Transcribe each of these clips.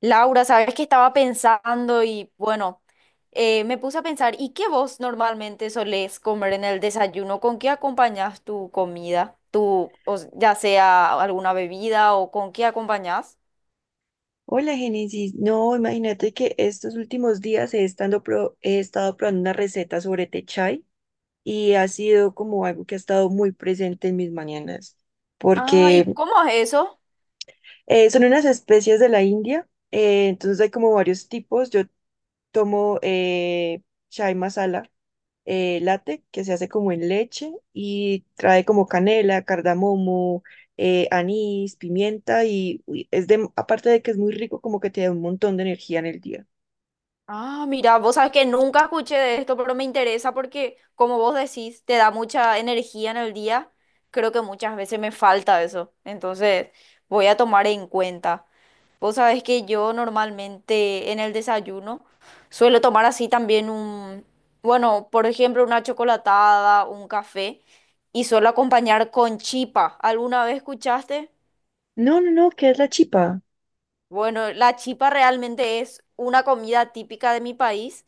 Laura, sabes que estaba pensando y bueno, me puse a pensar, ¿y qué vos normalmente solés comer en el desayuno? ¿Con qué acompañás tu comida? Ya sea alguna bebida o con qué acompañás? Hola, Génesis. No, imagínate que estos últimos días he estado probando una receta sobre té chai y ha sido como algo que ha estado muy presente en mis mañanas, Ah, ¿y porque cómo es eso? Son unas especies de la India, entonces hay como varios tipos. Yo tomo chai masala, latte que se hace como en leche y trae como canela, cardamomo, anís, pimienta y uy, es de, aparte de que es muy rico, como que te da un montón de energía en el día. Ah, mira, vos sabes que nunca escuché de esto, pero me interesa porque, como vos decís, te da mucha energía en el día. Creo que muchas veces me falta eso, entonces voy a tomar en cuenta. Vos sabés que yo normalmente en el desayuno suelo tomar así también un, bueno, por ejemplo, una chocolatada, un café y suelo acompañar con chipa. ¿Alguna vez escuchaste? No, ¿qué es la chipa? Bueno, la chipa realmente es una comida típica de mi país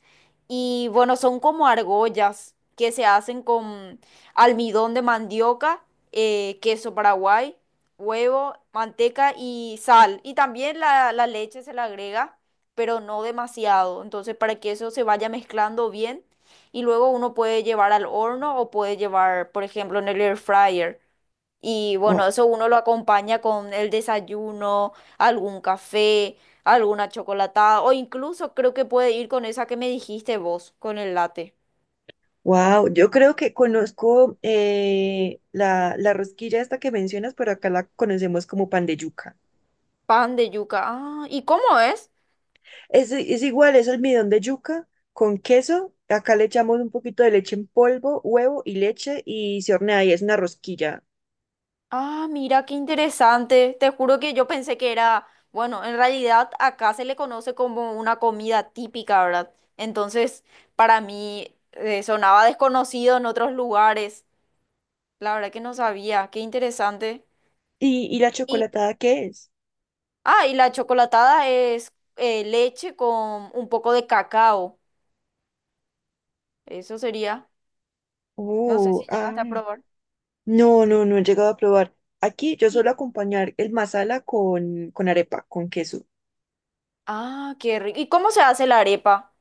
y bueno, son como argollas que se hacen con almidón de mandioca, queso paraguay, huevo, manteca y sal. Y también la leche se le agrega, pero no demasiado. Entonces, para que eso se vaya mezclando bien y luego uno puede llevar al horno o puede llevar, por ejemplo, en el air fryer. Y bueno, eso uno lo acompaña con el desayuno, algún café, alguna chocolatada, o incluso creo que puede ir con esa que me dijiste vos, con el latte. Wow, yo creo que conozco la rosquilla esta que mencionas, pero acá la conocemos como pan de yuca. Pan de yuca. Ah, ¿y cómo es? Es igual, es almidón de yuca con queso. Acá le echamos un poquito de leche en polvo, huevo y leche y se hornea y es una rosquilla. Ah, mira, qué interesante. Te juro que yo pensé que era, bueno, en realidad acá se le conoce como una comida típica, ¿verdad? Entonces, para mí sonaba desconocido en otros lugares. La verdad que no sabía. Qué interesante. Y la Y chocolatada qué es? ah, y la chocolatada es leche con un poco de cacao. Eso sería. No sé Oh, si ah, llegaste a probar. No he llegado a probar. Aquí yo suelo Y, acompañar el masala con arepa, con queso. ah, qué rico. ¿Y cómo se hace la arepa?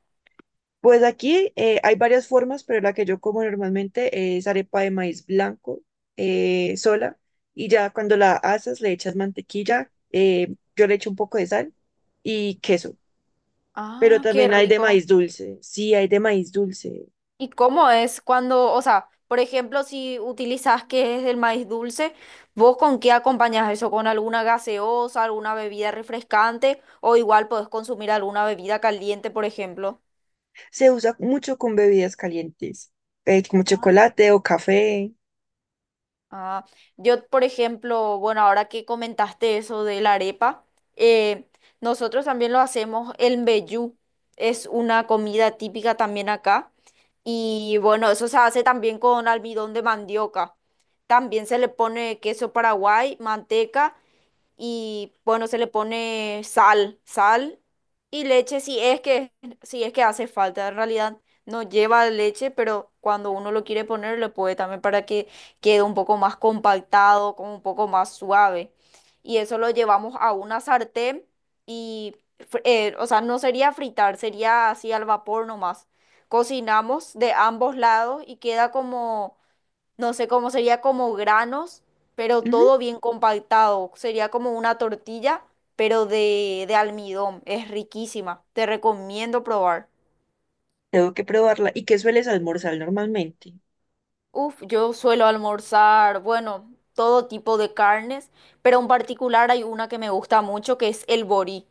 Pues aquí hay varias formas, pero la que yo como normalmente es arepa de maíz blanco sola. Y ya cuando la haces le echas mantequilla, yo le echo un poco de sal y queso. Pero Ah, qué también hay de rico. maíz dulce. Sí, hay de maíz dulce. ¿Y cómo es cuando, o sea, por ejemplo, si utilizas que es el maíz dulce, ¿vos con qué acompañas eso? ¿Con alguna gaseosa, alguna bebida refrescante? O igual podés consumir alguna bebida caliente, por ejemplo. Se usa mucho con bebidas calientes, como chocolate o café. Ah, yo, por ejemplo, bueno, ahora que comentaste eso de la arepa, eh, nosotros también lo hacemos, el mbejú es una comida típica también acá y bueno, eso se hace también con almidón de mandioca. También se le pone queso paraguay, manteca y bueno, se le pone sal, sal y leche si es que, si es que hace falta. En realidad no lleva leche, pero cuando uno lo quiere poner, le puede también para que quede un poco más compactado, como un poco más suave. Y eso lo llevamos a una sartén y, o sea, no sería fritar, sería así al vapor nomás. Cocinamos de ambos lados y queda como no sé cómo sería como granos, pero todo bien compactado. Sería como una tortilla, pero de almidón. Es riquísima. Te recomiendo probar. Tengo que probarla. ¿Y qué sueles almorzar normalmente? Uf, yo suelo almorzar, bueno, todo tipo de carnes, pero en particular hay una que me gusta mucho que es el borí.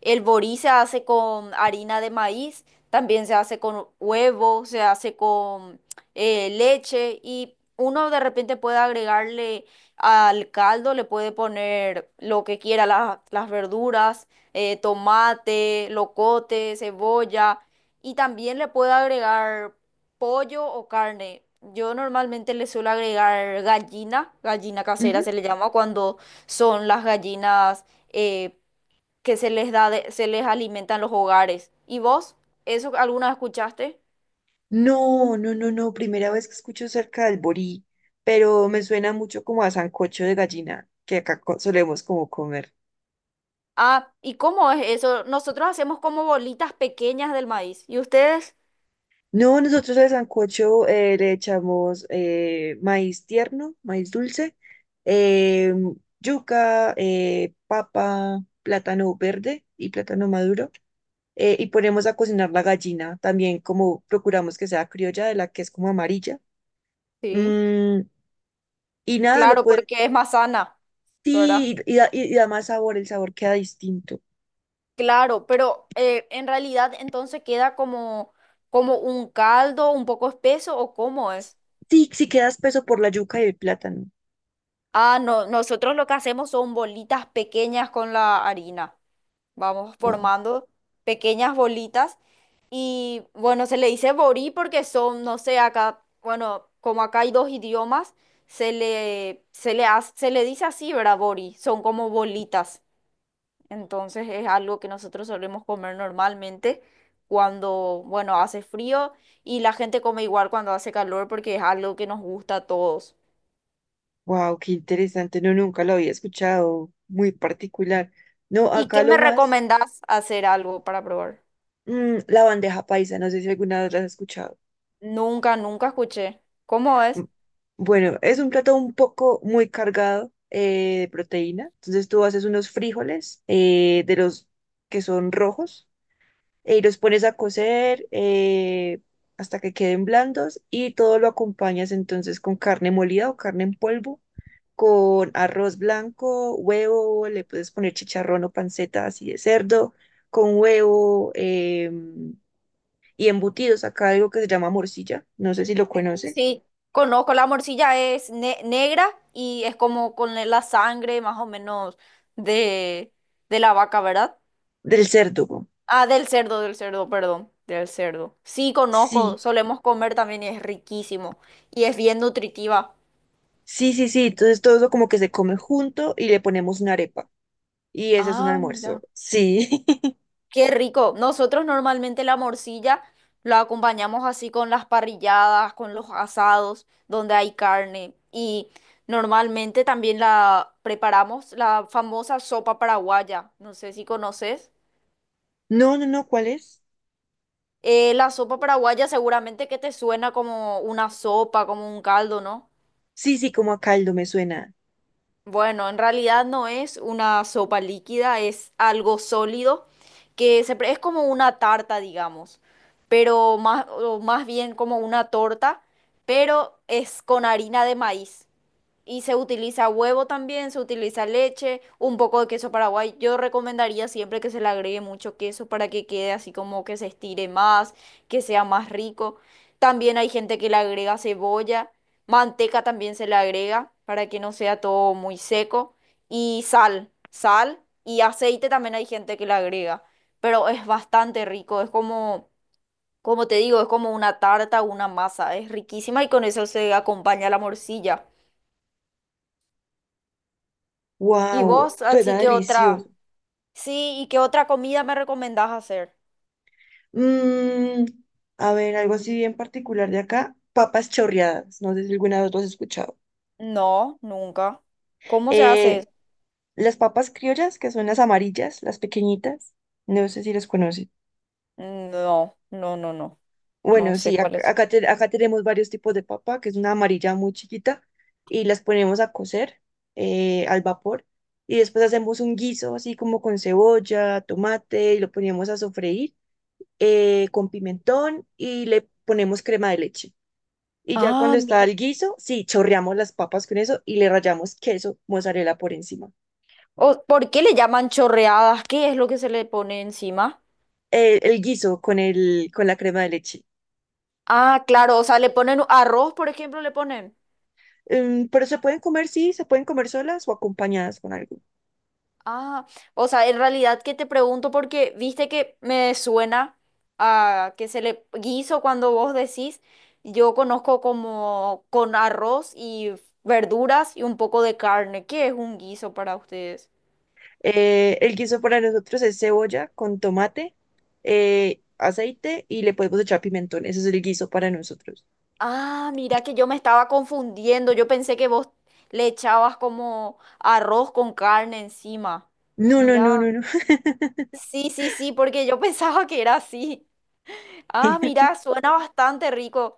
El borí se hace con harina de maíz, también se hace con huevo, se hace con leche y uno de repente puede agregarle al caldo, le puede poner lo que quiera, las verduras, tomate, locote, cebolla y también le puede agregar pollo o carne. Yo normalmente le suelo agregar gallina, gallina casera Ujú. se le llama cuando son las gallinas eh, que se les alimenta en los hogares. ¿Y vos? ¿Eso alguna vez escuchaste? No. Primera vez que escucho cerca del borí, pero me suena mucho como a sancocho de gallina, que solemos como comer. Ah, ¿y cómo es eso? Nosotros hacemos como bolitas pequeñas del maíz. ¿Y ustedes? No, nosotros al sancocho le echamos maíz tierno, maíz dulce, eh, yuca, papa, plátano verde y plátano maduro. Y ponemos a cocinar la gallina, también como procuramos que sea criolla, de la que es como amarilla. Sí, Mm. Y nada, lo claro, podemos, porque es más sana, ¿verdad? sí, y da más sabor, el sabor queda distinto. Claro, pero en realidad entonces queda como, como un caldo un poco espeso ¿o cómo es? Sí, sí queda espeso por la yuca y el plátano. Ah, no, nosotros lo que hacemos son bolitas pequeñas con la harina. Vamos Wow, formando pequeñas bolitas. Y bueno, se le dice borí porque son, no sé, acá, bueno, como acá hay dos idiomas, se le dice así, ¿verdad? Borí, son como bolitas. Entonces es algo que nosotros solemos comer normalmente cuando, bueno, hace frío y la gente come igual cuando hace calor porque es algo que nos gusta a todos. wow, qué interesante. No, nunca lo había escuchado. Muy particular. No, ¿Y acá qué me lo más, recomendás hacer algo para probar? mm, la bandeja paisa. No sé si alguna vez la has escuchado. Nunca, nunca escuché. ¿Cómo Mm. es? Bueno, es un plato un poco muy cargado de proteína. Entonces tú haces unos frijoles de los que son rojos. Y los pones a cocer hasta que queden blandos y todo lo acompañas entonces con carne molida o carne en polvo, con arroz blanco, huevo, le puedes poner chicharrón o panceta así de cerdo, con huevo y embutidos. Acá algo que se llama morcilla, no sé si lo conoces, Sí, conozco, la morcilla es negra y es como con la sangre más o menos de, de la vaca, ¿verdad? del cerdo. Güey. Ah, del cerdo, perdón, del cerdo. Sí, conozco, Sí, solemos comer también y es riquísimo y es bien nutritiva. sí. Entonces todo eso como que se come junto y le ponemos una arepa. Y ese es un Ah, almuerzo. mira. Sí. Qué rico. Nosotros normalmente la morcilla la acompañamos así con las parrilladas, con los asados, donde hay carne. Y normalmente también la preparamos la famosa sopa paraguaya. No sé si conoces. No, ¿cuál es? La sopa paraguaya seguramente que te suena como una sopa, como un caldo, ¿no? Sí, sí, como a caldo me suena. Bueno, en realidad no es una sopa líquida, es algo sólido que es como una tarta, digamos, pero más, o más bien como una torta, pero es con harina de maíz. Y se utiliza huevo también, se utiliza leche, un poco de queso paraguay. Yo recomendaría siempre que se le agregue mucho queso para que quede así como que se estire más, que sea más rico. También hay gente que le agrega cebolla, manteca también se le agrega para que no sea todo muy seco. Y sal, sal y aceite también hay gente que le agrega. Pero es bastante rico, es como, como te digo, es como una tarta, una masa, es riquísima y con eso se acompaña la morcilla. ¿Y Wow, vos, suena así que delicioso. otra? Sí, ¿y qué otra comida me recomendás hacer? Mm, a ver, algo así bien particular de acá, papas chorreadas. No sé si alguna vez lo has escuchado. No, nunca. ¿Cómo se hace Eh, eso? las papas criollas, que son las amarillas, las pequeñitas, no sé si las conoces. No, no, no, no. No Bueno, sé sí, cuál es. Acá tenemos varios tipos de papa, que es una amarilla muy chiquita, y las ponemos a cocer al vapor. Y después hacemos un guiso así como con cebolla, tomate, y lo ponemos a sofreír con pimentón y le ponemos crema de leche. Y ya Ah, cuando está mira. el guiso, sí, chorreamos las papas con eso y le rallamos queso, mozzarella por encima. O- ¿por qué le llaman chorreadas? ¿Qué es lo que se le pone encima? Guiso con la crema de leche. Ah, claro, o sea, le ponen arroz, por ejemplo, le ponen. Pero se pueden comer, sí, se pueden comer solas o acompañadas con algo. Ah, o sea, en realidad que te pregunto porque viste que me suena a que se le guiso cuando vos decís, yo conozco como con arroz y verduras y un poco de carne. ¿Qué es un guiso para ustedes? El guiso para nosotros es cebolla con tomate, aceite y le podemos echar pimentón. Ese es el guiso para nosotros. Ah, mira que yo me estaba confundiendo. Yo pensé que vos le echabas como arroz con carne encima. No, no, no, no, Mira, no. sí, sí, sí, porque yo pensaba que era así. Ah, mira, suena bastante rico.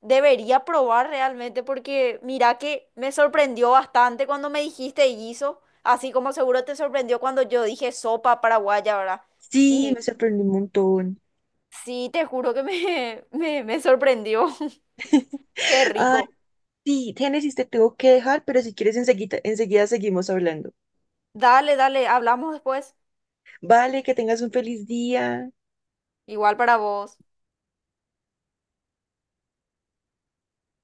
Debería probar realmente porque mira que me sorprendió bastante cuando me dijiste guiso, así como seguro te sorprendió cuando yo dije sopa paraguaya, ¿verdad? Sí, me Y sorprendió un montón. sí, te juro que me sorprendió. Qué rico. Sí, Génesis, te tengo que dejar, pero si quieres enseguida seguimos hablando. Dale, dale, hablamos después. Vale, que tengas un feliz día. Igual para vos.